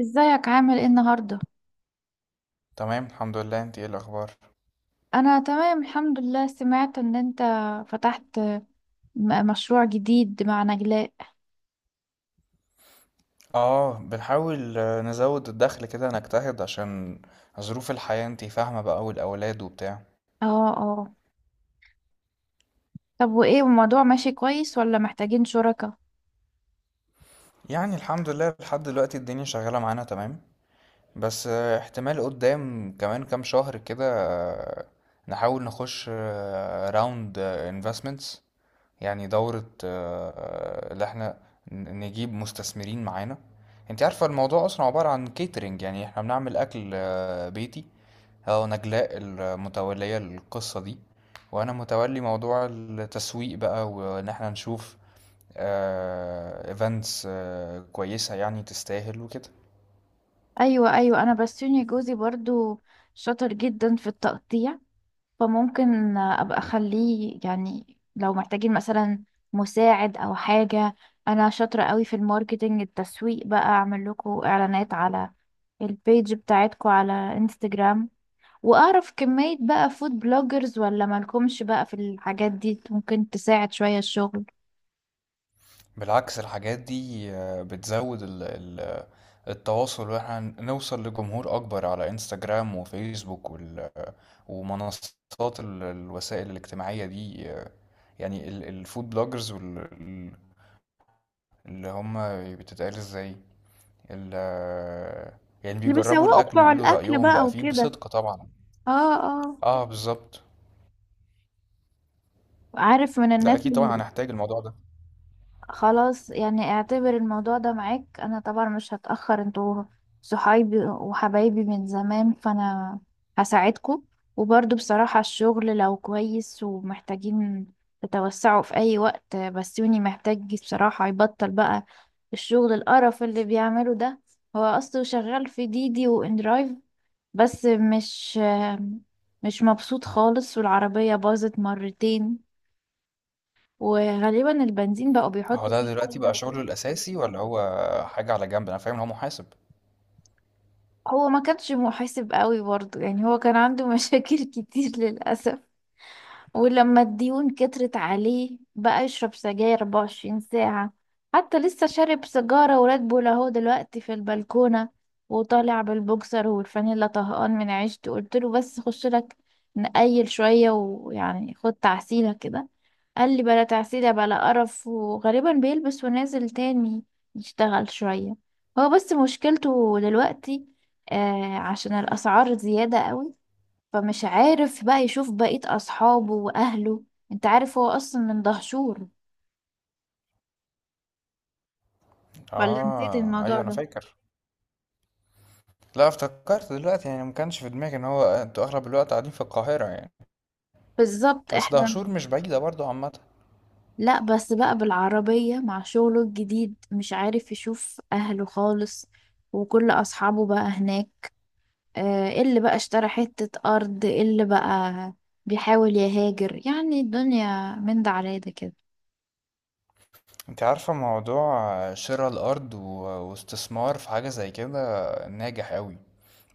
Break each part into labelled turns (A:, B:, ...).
A: ازيك عامل ايه النهارده؟
B: تمام الحمد لله، انت ايه الاخبار؟
A: انا تمام الحمد لله. سمعت ان انت فتحت مشروع جديد مع نجلاء.
B: اه بنحاول نزود الدخل كده، نجتهد عشان ظروف الحياة انت فاهمة بقى، والاولاد وبتاع.
A: اه اه. طب وايه الموضوع، ماشي كويس ولا محتاجين شركاء؟
B: يعني الحمد لله لحد دلوقتي الدنيا شغالة معانا تمام. بس احتمال قدام كمان كام شهر كده نحاول نخش راوند انفستمنتس، يعني دورة اللي احنا نجيب مستثمرين معانا. انت عارفة الموضوع اصلا عبارة عن كيترينج، يعني احنا بنعمل اكل بيتي. اه، نجلاء المتولية للقصة دي، وانا متولي موضوع التسويق بقى، وان احنا نشوف ايفنتس كويسة يعني تستاهل وكده.
A: ايوه ايوه، انا بسوني جوزي برضو شاطر جدا في التقطيع، فممكن ابقى اخليه يعني لو محتاجين مثلا مساعد او حاجه. انا شاطره قوي في الماركتينج، التسويق بقى، اعمل لكم اعلانات على البيج بتاعتكم على انستجرام، واعرف كمية بقى فود بلوجرز ولا مالكمش بقى في الحاجات دي، ممكن تساعد شوية الشغل
B: بالعكس الحاجات دي بتزود التواصل، واحنا نوصل لجمهور اكبر على انستجرام وفيسبوك ومنصات الوسائل الاجتماعية دي يعني الفود بلوجرز، اللي هم بتتقال ازاي، ال يعني
A: اللي
B: بيجربوا
A: بيسوقوا
B: الأكل
A: بتوع
B: ويقولوا
A: الاكل
B: رأيهم
A: بقى
B: بقى فيه
A: وكده.
B: بصدق طبعا.
A: اه. اه.
B: اه بالظبط.
A: عارف من
B: لا
A: الناس
B: أكيد طبعا
A: اللي
B: هنحتاج الموضوع ده.
A: خلاص، يعني اعتبر الموضوع ده معاك. انا طبعا مش هتأخر، انتوا صحايبي وحبايبي من زمان فانا هساعدكم. وبرضو بصراحة الشغل لو كويس ومحتاجين تتوسعوا في اي وقت، بسيوني محتاج بصراحة يبطل بقى الشغل القرف اللي بيعمله ده. هو اصله شغال في ديدي واندرايف، بس مش مبسوط خالص، والعربية باظت مرتين، وغالبا البنزين بقوا
B: هو
A: بيحطوا
B: ده
A: فيه
B: دلوقتي بقى
A: مية.
B: شغله الأساسي ولا هو حاجة على جنب؟ أنا فاهم إن هو محاسب.
A: هو ما كانش محاسب قوي برضه، يعني هو كان عنده مشاكل كتير للأسف، ولما الديون كترت عليه بقى يشرب سجاير 24 ساعة. حتى لسه شارب سيجارة وراد بول اهو دلوقتي في البلكونة، وطالع بالبوكسر والفانيلا طهقان من عيشته. قلت له بس خش لك نقيل شوية، ويعني خد تعسيلة كده. قال لي بلا تعسيلة بلا قرف، وغالبا بيلبس ونازل تاني يشتغل شوية. هو بس مشكلته دلوقتي عشان الأسعار زيادة قوي، فمش عارف بقى يشوف بقية أصحابه وأهله. انت عارف هو أصلا من دهشور، ولا نسيت
B: اه
A: الموضوع
B: أيوه أنا
A: ده؟
B: فاكر. لا، افتكرت دلوقتي، يعني ما كانش في دماغي إن هو، أنتوا أغلب الوقت قاعدين في القاهرة يعني.
A: بالظبط
B: بس
A: احنا.
B: دهشور مش بعيدة برضو عامة.
A: لا بس بقى بالعربية مع شغله الجديد مش عارف يشوف أهله خالص، وكل أصحابه بقى هناك، اللي بقى اشترى حتة أرض، اللي بقى بيحاول يهاجر. يعني الدنيا من ده على ده كده.
B: أنت عارفة موضوع شراء الأرض واستثمار في حاجة زي كده ناجح أوي،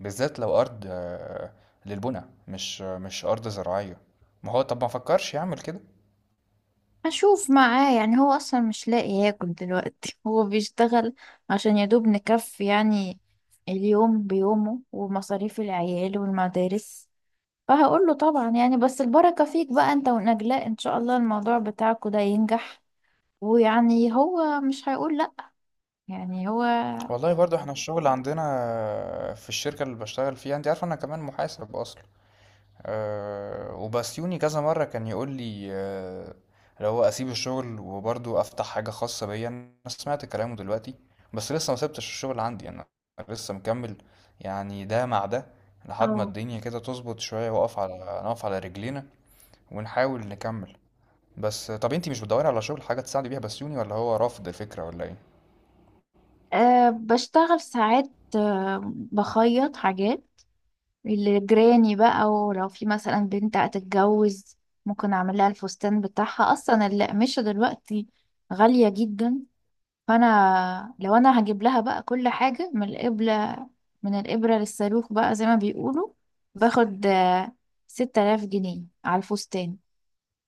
B: بالذات لو أرض للبنى، مش مش أرض زراعية. ما هو طب ما فكرش يعمل كده؟
A: هشوف معاه، يعني هو أصلا مش لاقي ياكل دلوقتي هو بيشتغل عشان يدوب نكفي، يعني اليوم بيومه ومصاريف العيال والمدارس. فهقول له طبعا، يعني بس البركة فيك بقى انت ونجلاء، ان شاء الله الموضوع بتاعكوا ده ينجح. ويعني هو مش هيقول لأ، يعني هو.
B: والله برضو احنا الشغل عندنا في الشركة اللي بشتغل فيها، انت عارف انا كمان محاسب اصلا. أه، وبسيوني كذا مرة كان يقول لي اللي هو اسيب الشغل وبرضو افتح حاجة خاصة بيا. انا سمعت كلامه دلوقتي، بس لسه ما سبتش الشغل عندي، انا لسه مكمل، يعني ده مع ده، لحد ما
A: اه.
B: الدنيا كده تظبط شوية، واقف على، نقف على رجلينا ونحاول نكمل. بس طب انتي مش بتدوري على شغل، حاجة تساعدي بيها بسيوني، ولا هو رافض الفكرة ولا ايه؟
A: أه بشتغل ساعات، أه بخيط حاجات لجيراني بقى، ولو في مثلا بنت هتتجوز ممكن اعمل لها الفستان بتاعها. اصلا القماشة دلوقتي غالية جدا، فانا لو انا هجيب لها بقى كل حاجة، من الإبرة، من الإبرة للصاروخ بقى زي ما بيقولوا، باخد 6000 جنيه على الفستان.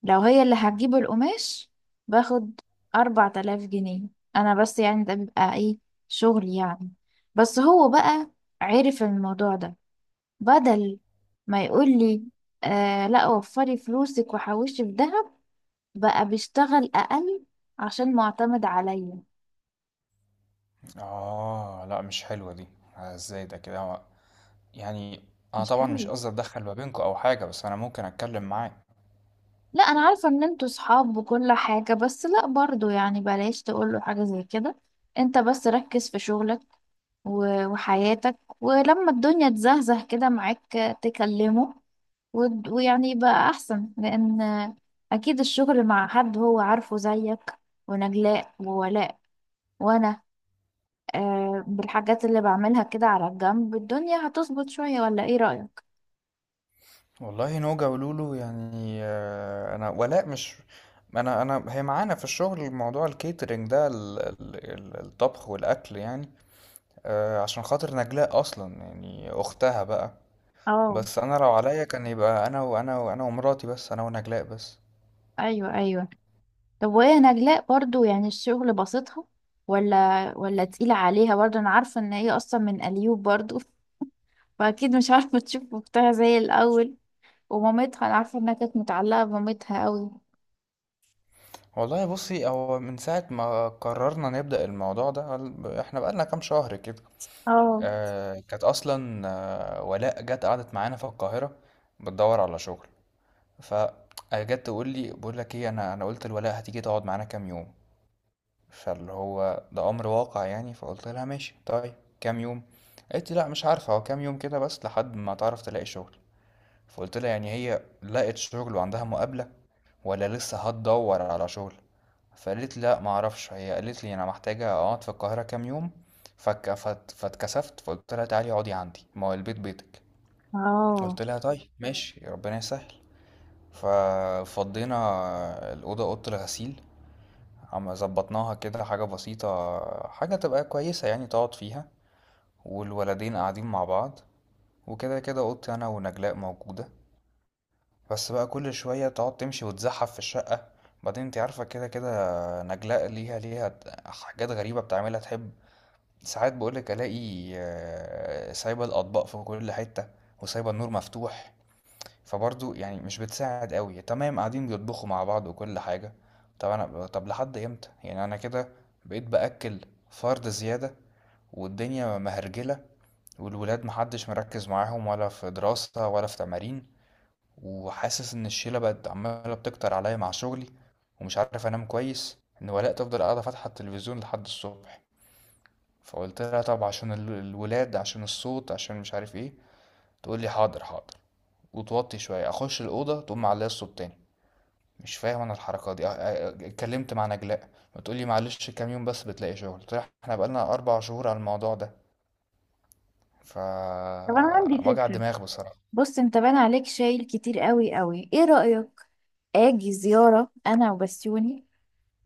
A: لو هي اللي هتجيب القماش باخد 4000 جنيه. أنا بس يعني ده بيبقى إيه، شغل يعني. بس هو بقى عرف الموضوع ده، بدل ما يقول لي آه لا وفري فلوسك وحوشي في دهب، بقى بيشتغل أقل عشان معتمد عليا.
B: اه لا مش حلوة دي، ازاي ده كده؟ يعني انا
A: مش
B: طبعا مش
A: حلو.
B: قصدي اتدخل ما بينكم او حاجة، بس انا ممكن اتكلم معاه.
A: لا أنا عارفة إن انتوا صحاب وكل حاجة، بس لا برضو يعني بلاش تقوله حاجة زي كده. انت بس ركز في شغلك وحياتك، ولما الدنيا تزهزه كده معاك تكلمه، ويعني يبقى أحسن، لأن أكيد الشغل مع حد هو عارفه زيك ونجلاء وولاء وأنا، بالحاجات اللي بعملها كده على الجنب، الدنيا هتظبط شوية، ولا إيه رأيك؟
B: والله نوجا ولولو يعني انا ولاء مش، انا هي معانا في الشغل، موضوع الكيترينج ده الطبخ والاكل يعني عشان خاطر نجلاء اصلا، يعني اختها بقى.
A: اه
B: بس انا لو عليا كان يبقى انا وانا وانا ومراتي بس، انا ونجلاء بس.
A: أيوه أيوه. طب وهي نجلاء برضو يعني الشغل بسيطها ولا تقيلة عليها؟ برضو أنا عارفة إن هي أصلا من أليوب برضو فأكيد مش عارفة تشوف أختها زي الأول ومامتها. انا عارفه انها كانت متعلقه بمامتها قوي.
B: والله بصي، هو من ساعة ما قررنا نبدأ الموضوع ده احنا بقالنا كام شهر كده.
A: اه
B: كانت أصلا ولاء جت قعدت معانا في القاهرة بتدور على شغل. فجت تقول لي بقول لك ايه، أنا قلت لولاء هتيجي تقعد معانا كام يوم، فاللي هو ده أمر واقع يعني. فقلت لها ماشي طيب، كام يوم؟ قالت لي لا مش عارفة، هو كام يوم كده بس لحد ما تعرف تلاقي شغل. فقلت لها يعني هي لقت شغل وعندها مقابلة ولا لسه هتدور على شغل؟ فقالت لا معرفش، هي قالت لي انا محتاجه اقعد في القاهره كام يوم. فك فت فاتكسفت، فقلت لها تعالي اقعدي عندي، ما هو البيت بيتك.
A: اه.
B: قلت لها طيب ماشي ربنا يسهل. ففضينا الاوضه، اوضه الغسيل، اما ظبطناها كده، حاجه بسيطه، حاجه تبقى كويسه يعني تقعد فيها. والولدين قاعدين مع بعض، وكده كده اوضتي انا ونجلاء موجوده. بس بقى كل شوية تقعد تمشي وتزحف في الشقة. بعدين انت عارفة كده كده نجلاء ليها حاجات غريبة بتعملها تحب. ساعات بقولك ألاقي سايبة الأطباق في كل حتة، وسايبة النور مفتوح. فبرضه يعني مش بتساعد قوي، تمام قاعدين بيطبخوا مع بعض وكل حاجة. طب أنا، طب لحد إمتى يعني؟ أنا كده بقيت بأكل فرد زيادة، والدنيا مهرجلة، والولاد محدش مركز معاهم ولا في دراسة ولا في تمارين. وحاسس ان الشيله بقت عماله بتكتر عليا مع شغلي، ومش عارف انام كويس، ان ولاء تفضل قاعده فاتحه التلفزيون لحد الصبح. فقلت لها طب عشان الولاد، عشان الصوت، عشان مش عارف ايه، تقول لي حاضر حاضر وتوطي شويه، اخش الاوضه تقوم معليه الصوت تاني. مش فاهم انا الحركه دي. اتكلمت مع نجلاء بتقول لي معلش كام يوم بس بتلاقي شغل. قلت لها احنا بقالنا اربع شهور على الموضوع ده، ف
A: طب انا عندي
B: وجع
A: فكرة.
B: دماغ بصراحه.
A: بص، انت بان عليك شايل كتير قوي قوي. ايه رايك اجي زياره انا وبسيوني،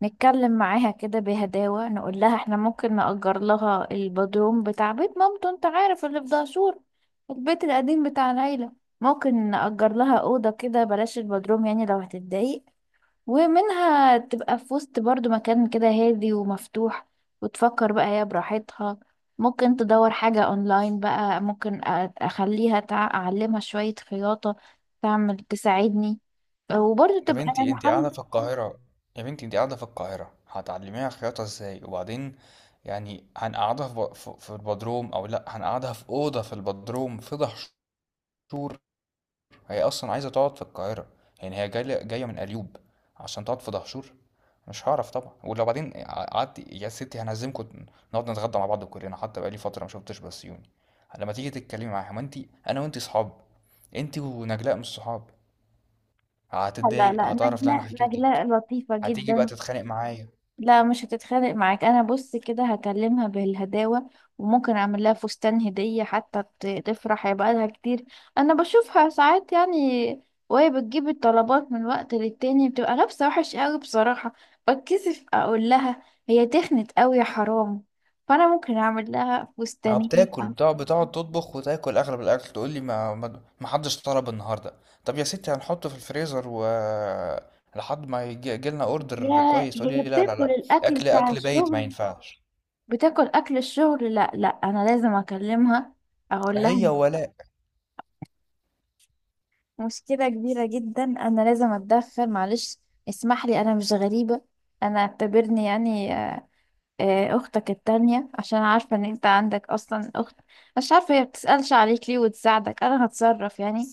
A: نتكلم معاها كده بهداوه، نقول لها احنا ممكن نأجر لها البدروم بتاع بيت مامته، انت عارف اللي في دهشور، البيت القديم بتاع العيله. ممكن نأجر لها اوضه كده، بلاش البدروم يعني لو هتتضايق، ومنها تبقى في وسط برضو، مكان كده هادي ومفتوح، وتفكر بقى هي براحتها. ممكن تدور حاجة اونلاين بقى، ممكن اخليها اعلمها شوية خياطة، تعمل تساعدني، وبرضو
B: يا
A: تبقى
B: بنتي
A: يعني
B: انت قاعدة في
A: حاجة.
B: القاهرة، يا بنتي انت قاعدة في القاهرة هتعلميها خياطة ازاي؟ وبعدين يعني هنقعدها في, ب- في, في البدروم، او لا هنقعدها في أوضة في البدروم في دهشور؟ هي اصلا عايزة تقعد في القاهرة، يعني هي جاية من قليوب عشان تقعد في دهشور؟ مش هعرف طبعا. ولو بعدين قعدت يا ستي هنعزمكم، نقعد نتغدى مع بعض كلنا، حتى بقالي فترة ما شفتش بسيوني. لما تيجي تتكلمي معاها، ما انت، انا وانت صحاب، انت ونجلاء مش صحاب،
A: لا
B: هتتضايق،
A: لا
B: هتعرف لا
A: نجلة
B: انا حكيت،
A: لطيفة
B: هتيجي بقى
A: جدا.
B: تتخانق معايا.
A: لا مش هتتخانق معاك. انا بص كده هكلمها بالهداوة، وممكن اعمل لها فستان هدية حتى تفرح، هيبقى لها كتير. انا بشوفها ساعات يعني، وهي بتجيب الطلبات من وقت للتاني بتبقى لابسة وحش قوي بصراحة، بتكسف اقول لها، هي تخنت قوي يا حرام، فانا ممكن اعمل لها
B: ما هو
A: فستانين.
B: بتاكل، بتقعد تطبخ وتاكل اغلب الاكل، تقول لي ما حدش طلب النهارده. طب يا ستي هنحطه في الفريزر و، لحد ما يجي لنا اوردر
A: يا
B: كويس، تقول
A: هي
B: لي لا لا
A: بتاكل
B: لا،
A: الاكل
B: اكل
A: بتاع
B: اكل بايت ما
A: الشغل.
B: ينفعش.
A: بتاكل اكل الشغل. لا انا لازم اكلمها، اقول
B: هي
A: لها.
B: ولاء.
A: مشكلة كبيرة جدا، أنا لازم أتدخل، معلش اسمح لي. أنا مش غريبة، أنا اعتبرني يعني أختك التانية، عشان عارفة إن أنت عندك أصلا أخت مش عارفة هي بتسألش عليك ليه وتساعدك. أنا هتصرف يعني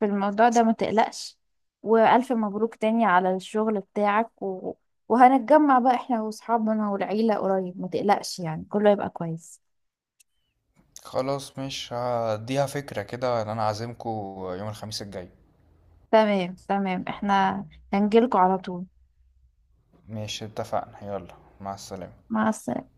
A: في الموضوع ده، ما تقلقش. وألف مبروك تاني على الشغل بتاعك و... وهنتجمع بقى إحنا وأصحابنا والعيلة قريب، ما تقلقش، يعني كله هيبقى كويس.
B: خلاص مش هديها فكرة كده ان انا عازمكم يوم الخميس الجاي.
A: تمام تمام، إحنا هنجيلكوا على طول.
B: ماشي اتفقنا، يلا مع السلامة.
A: مع السلامة.